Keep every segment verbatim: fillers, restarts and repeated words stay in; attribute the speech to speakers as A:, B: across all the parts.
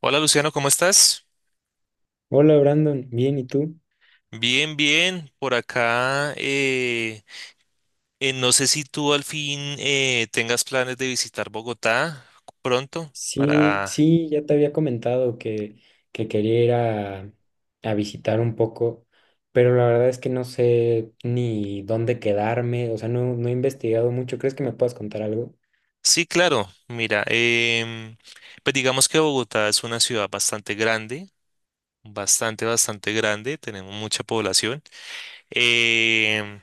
A: Hola Luciano, ¿cómo estás?
B: Hola Brandon, bien, ¿y tú?
A: Bien, bien, por acá. Eh, eh, no sé si tú al fin eh, tengas planes de visitar Bogotá pronto
B: Sí,
A: para...
B: sí, ya te había comentado que, que quería ir a, a visitar un poco, pero la verdad es que no sé ni dónde quedarme, o sea, no, no he investigado mucho. ¿Crees que me puedas contar algo?
A: Sí, claro, mira, em, pues digamos que Bogotá es una ciudad bastante grande, bastante, bastante grande, tenemos mucha población. em,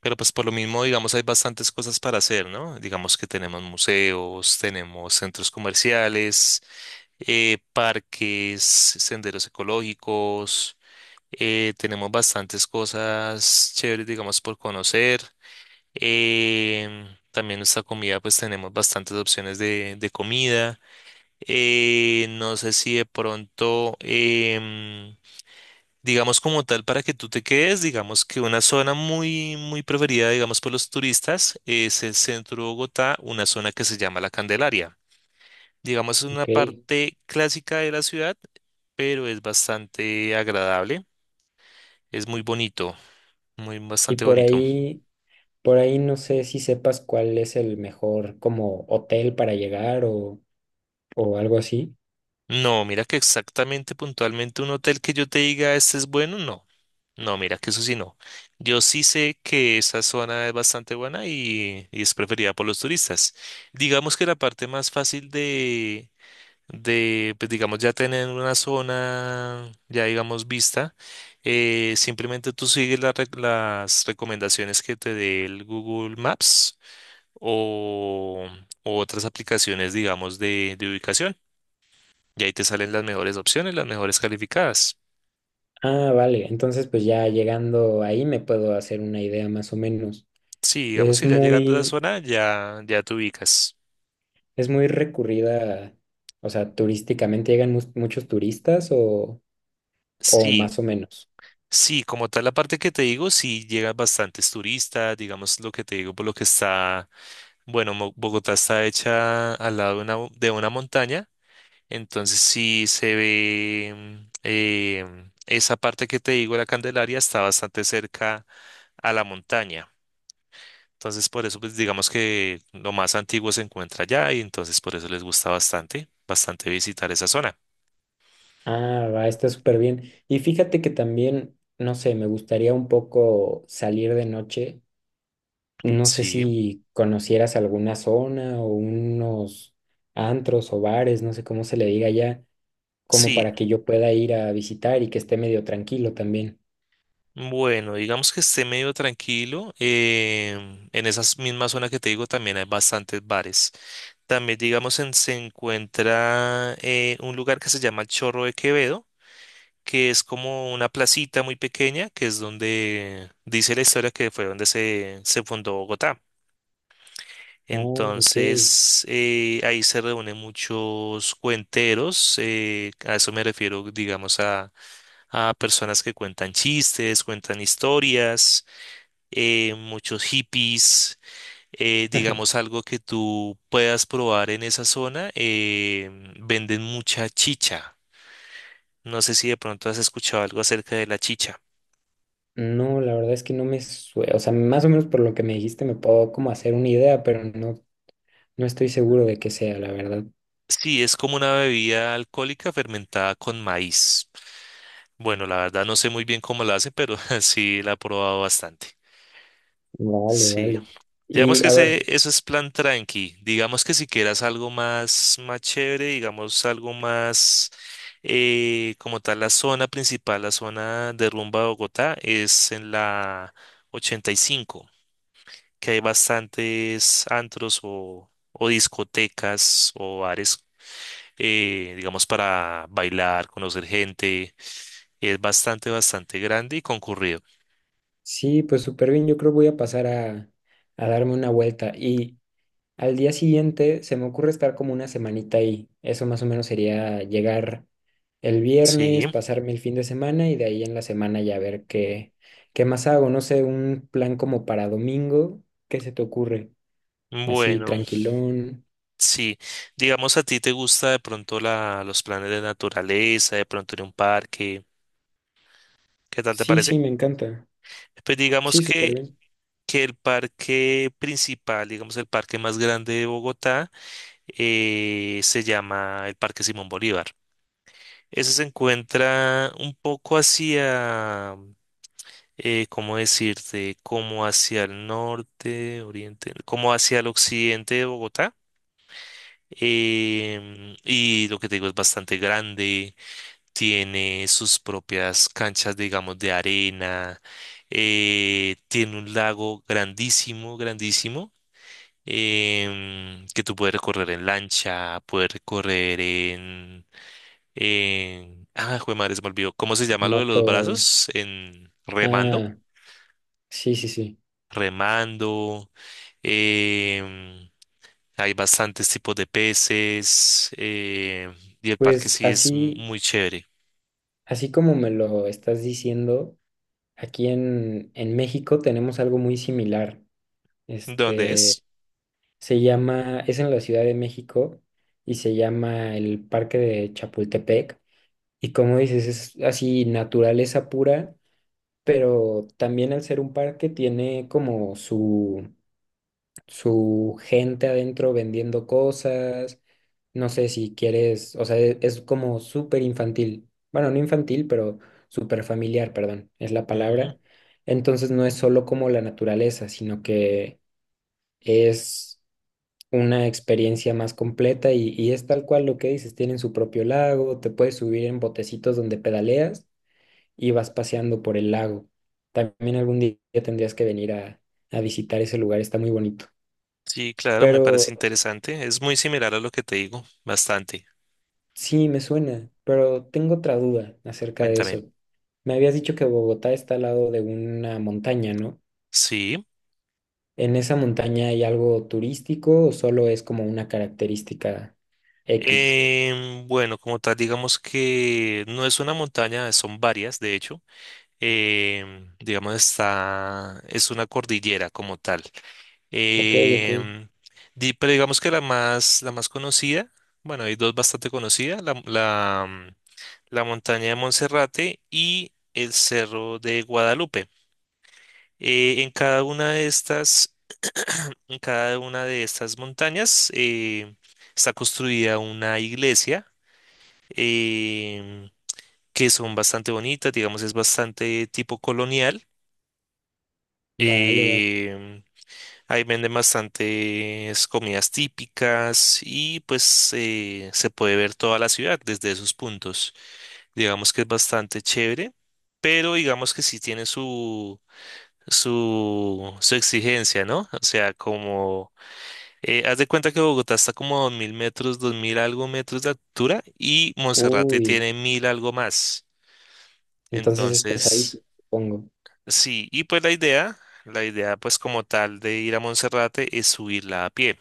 A: pero pues por lo mismo, digamos, hay bastantes cosas para hacer, ¿no? Digamos que tenemos museos, tenemos centros comerciales, eh, parques, senderos ecológicos, eh, tenemos bastantes cosas chéveres, digamos, por conocer. Em, también nuestra comida, pues tenemos bastantes opciones de, de comida. Eh, no sé si de pronto, em, digamos como tal, para que tú te quedes, digamos que una zona muy, muy preferida, digamos, por los turistas es el centro de Bogotá, una zona que se llama La Candelaria, digamos, es una
B: Ok.
A: parte clásica de la ciudad, pero es bastante agradable. Es muy bonito, muy
B: Y
A: bastante
B: por
A: bonito.
B: ahí, por ahí no sé si sepas cuál es el mejor como hotel para llegar o, o algo así.
A: No, mira que exactamente puntualmente un hotel que yo te diga este es bueno, no. No, mira que eso sí no. Yo sí sé que esa zona es bastante buena y, y es preferida por los turistas. Digamos que la parte más fácil de, de, pues digamos, ya tener una zona, ya digamos, vista, eh, simplemente tú sigues la rec- las recomendaciones que te dé el Google Maps o, o otras aplicaciones, digamos, de, de ubicación. Y ahí te salen las mejores opciones, las mejores calificadas.
B: Ah, vale, entonces pues ya llegando ahí me puedo hacer una idea más o menos.
A: Sí, digamos
B: Es
A: que ya llegando a la
B: muy,
A: zona, ya, ya te ubicas.
B: Es muy recurrida, o sea, turísticamente llegan mus- muchos turistas o, o
A: Sí.
B: más o menos.
A: Sí, como tal la parte que te digo, sí llegan bastantes turistas, digamos lo que te digo, por lo que está. Bueno, Mo- Bogotá está hecha al lado de una, bo- de una montaña, entonces sí se ve, em, esa parte que te digo, la Candelaria, está bastante cerca a la montaña. Entonces por eso pues digamos que lo más antiguo se encuentra allá y entonces por eso les gusta bastante, bastante visitar esa zona.
B: Ah, va, está súper bien. Y fíjate que también, no sé, me gustaría un poco salir de noche. No sé
A: Sí,
B: si conocieras alguna zona o unos antros o bares, no sé cómo se le diga allá, como
A: sí.
B: para que yo pueda ir a visitar y que esté medio tranquilo también.
A: Bueno, digamos que esté medio tranquilo. Em, en esa misma zona que te digo también hay bastantes bares. También, digamos, en- se encuentra, eh, un lugar que se llama el Chorro de Quevedo, que es como una placita muy pequeña, que es donde dice la historia que fue donde se, se fundó Bogotá.
B: Oh, ok.
A: Entonces, eh, ahí se reúnen muchos cuenteros, eh, a eso me refiero, digamos, a, a personas que cuentan chistes, cuentan historias, eh, muchos hippies, eh, digamos algo que tú puedas probar en esa zona, eh, venden mucha chicha. No sé si de pronto has escuchado algo acerca de la chicha.
B: No, la verdad es que no me suena, o sea, más o menos por lo que me dijiste me puedo como hacer una idea, pero no, no estoy seguro de qué sea, la verdad.
A: Sí, es como una bebida alcohólica fermentada con maíz. Bueno, la verdad no sé muy bien cómo la hacen, pero sí la he probado bastante.
B: Vale,
A: Sí.
B: vale.
A: Digamos
B: Y
A: que
B: a ver,
A: ese, eso es plan tranqui. Digamos que si quieras algo más, más chévere, digamos algo más, eh, como tal, la zona principal, la zona de rumba de Bogotá, es en la ochenta y cinco, que hay bastantes antros o, o discotecas o bares, eh, digamos, para bailar, conocer gente. Es bastante, bastante grande y concurrido.
B: sí, pues súper bien, yo creo voy a pasar a, a darme una vuelta y al día siguiente se me ocurre estar como una semanita ahí. Eso más o menos sería llegar el
A: Sí,
B: viernes, pasarme el fin de semana y de ahí en la semana ya ver qué, qué más hago. No sé, un plan como para domingo, ¿qué se te ocurre? Así,
A: bueno.
B: tranquilón.
A: Sí, digamos a ti te gusta de pronto la, los planes de naturaleza, de pronto ir a un parque, ¿qué tal te
B: Sí,
A: parece?
B: sí, me encanta.
A: Pues digamos
B: Sí, súper
A: que,
B: bien.
A: que el parque principal, digamos el parque más grande de Bogotá, eh, se llama el Parque Simón Bolívar. Ese se encuentra un poco hacia, eh, ¿cómo decirte? Como hacia el norte, oriente, como hacia el occidente de Bogotá. Em, y lo que te digo es bastante grande, tiene sus propias canchas, digamos, de arena, eh, tiene un lago grandísimo, grandísimo, em, que tú puedes recorrer en lancha, puedes recorrer en... en- Ah, jue madre, se me olvidó. ¿Cómo se llama lo de los
B: Moto.
A: brazos? En remando,
B: Ah, sí, sí, sí.
A: remando. em, Hay bastantes tipos de peces, eh, y el parque
B: Pues
A: sí es
B: así,
A: muy chévere.
B: así como me lo estás diciendo, aquí en, en México tenemos algo muy similar.
A: ¿Dónde
B: Este,
A: es?
B: se llama, es en la Ciudad de México y se llama el Parque de Chapultepec. Y como dices, es así naturaleza pura, pero también al ser un parque tiene como su su gente adentro vendiendo cosas. No sé si quieres, o sea, e- es, como súper infantil. Bueno, no infantil, pero súper familiar, perdón, es la palabra. Entonces no es solo como la naturaleza, sino que es una experiencia más completa y, y es tal cual lo que dices, tienen su propio lago, te puedes subir en botecitos donde pedaleas y vas paseando por el lago. También algún día tendrías que venir a, a visitar ese lugar, está muy bonito.
A: Sí, claro, me
B: Pero
A: parece interesante. Es muy similar a lo que te digo, bastante.
B: sí, me suena, pero tengo otra duda acerca de
A: Cuéntame.
B: eso. Me habías dicho que Bogotá está al lado de una montaña, ¿no?
A: Sí.
B: ¿En esa montaña hay algo turístico o solo es como una característica X?
A: Em, bueno, como tal, digamos que no es una montaña, son varias, de hecho. Em, digamos, está, es una cordillera como tal.
B: Ok, ok.
A: Em, di- pero digamos que la más, la más conocida, bueno, hay dos bastante conocidas, la, la, la montaña de Monserrate y el cerro de Guadalupe. Eh, en cada una de estas, en cada una de estas montañas, eh, está construida una iglesia, em, que son bastante bonitas, digamos, es bastante tipo colonial.
B: Vale, vale.
A: em, Ahí venden bastantes comidas típicas y pues, eh, se puede ver toda la ciudad desde esos puntos. Digamos que es bastante chévere, pero digamos que sí tiene su su, su exigencia, ¿no? O sea, como, eh, haz de cuenta que Bogotá está como a dos mil metros, dos mil algo metros de altura y Monserrate
B: Uy,
A: tiene mil algo más.
B: entonces es
A: Entonces,
B: pesadísimo, supongo.
A: sí, y pues la idea, la idea pues como tal de ir a Monserrate es subirla a pie,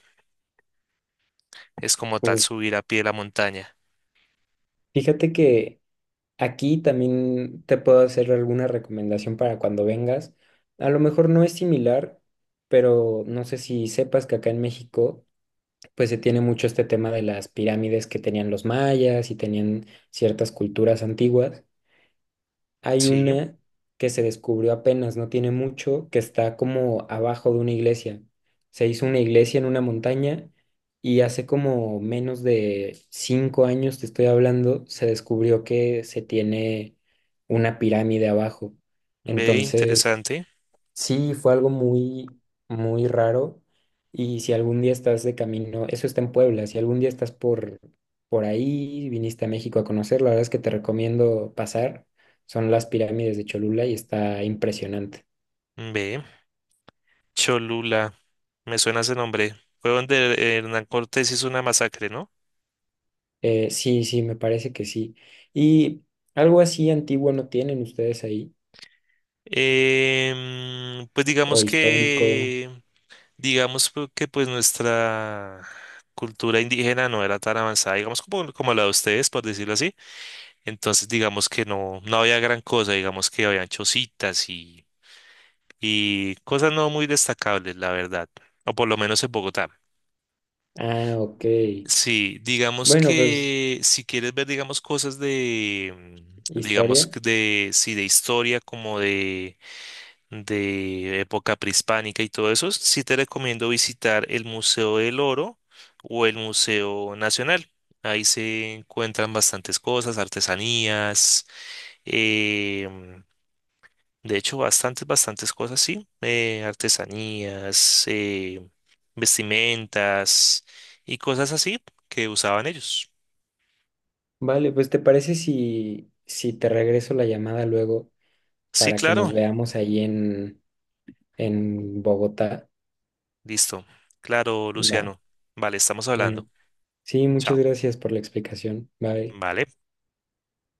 A: es como tal
B: Uf.
A: subir a pie la montaña.
B: Fíjate que aquí también te puedo hacer alguna recomendación para cuando vengas. A lo mejor no es similar, pero no sé si sepas que acá en México pues se tiene mucho este tema de las pirámides que tenían los mayas y tenían ciertas culturas antiguas. Hay
A: Sí,
B: una que se descubrió apenas, no tiene mucho, que está como abajo de una iglesia. Se hizo una iglesia en una montaña y hace como menos de cinco años, te estoy hablando, se descubrió que se tiene una pirámide abajo.
A: ve,
B: Entonces
A: interesante,
B: sí, fue algo muy, muy raro. Y si algún día estás de camino, eso está en Puebla, si algún día estás por, por ahí, viniste a México a conocer, la verdad es que te recomiendo pasar. Son las pirámides de Cholula y está impresionante.
A: ve, Cholula, me suena ese nombre. Fue donde Hernán Cortés hizo una masacre, ¿no?
B: Eh, sí, sí, me parece que sí. ¿Y algo así antiguo no tienen ustedes ahí?
A: Em, pues
B: ¿O
A: digamos
B: histórico?
A: que, digamos pu- que pues nuestra cultura indígena no era tan avanzada, digamos como, como la de ustedes, por decirlo así. Entonces digamos que no, no había gran cosa, digamos que habían chocitas y, y cosas no muy destacables, la verdad, o por lo menos en Bogotá.
B: Ah, ok.
A: Sí, digamos
B: Bueno, pues
A: que si quieres ver, digamos, cosas de, mm, digamos,
B: historia.
A: que de, sí, de historia, como de de época prehispánica y todo eso, sí te recomiendo visitar el Museo del Oro o el Museo Nacional. Ahí se encuentran bastantes cosas, artesanías, em, de hecho bastantes, bastantes cosas, sí, eh, artesanías, eh, vestimentas y cosas así que usaban ellos.
B: Vale, pues ¿te parece si, si te regreso la llamada luego?
A: Sí,
B: Para que nos
A: claro,
B: veamos ahí en, en Bogotá.
A: listo, claro,
B: Va,
A: Luciano. Vale, estamos
B: bueno,
A: hablando.
B: sí, muchas
A: Chao.
B: gracias por la explicación. Bye.
A: Vale.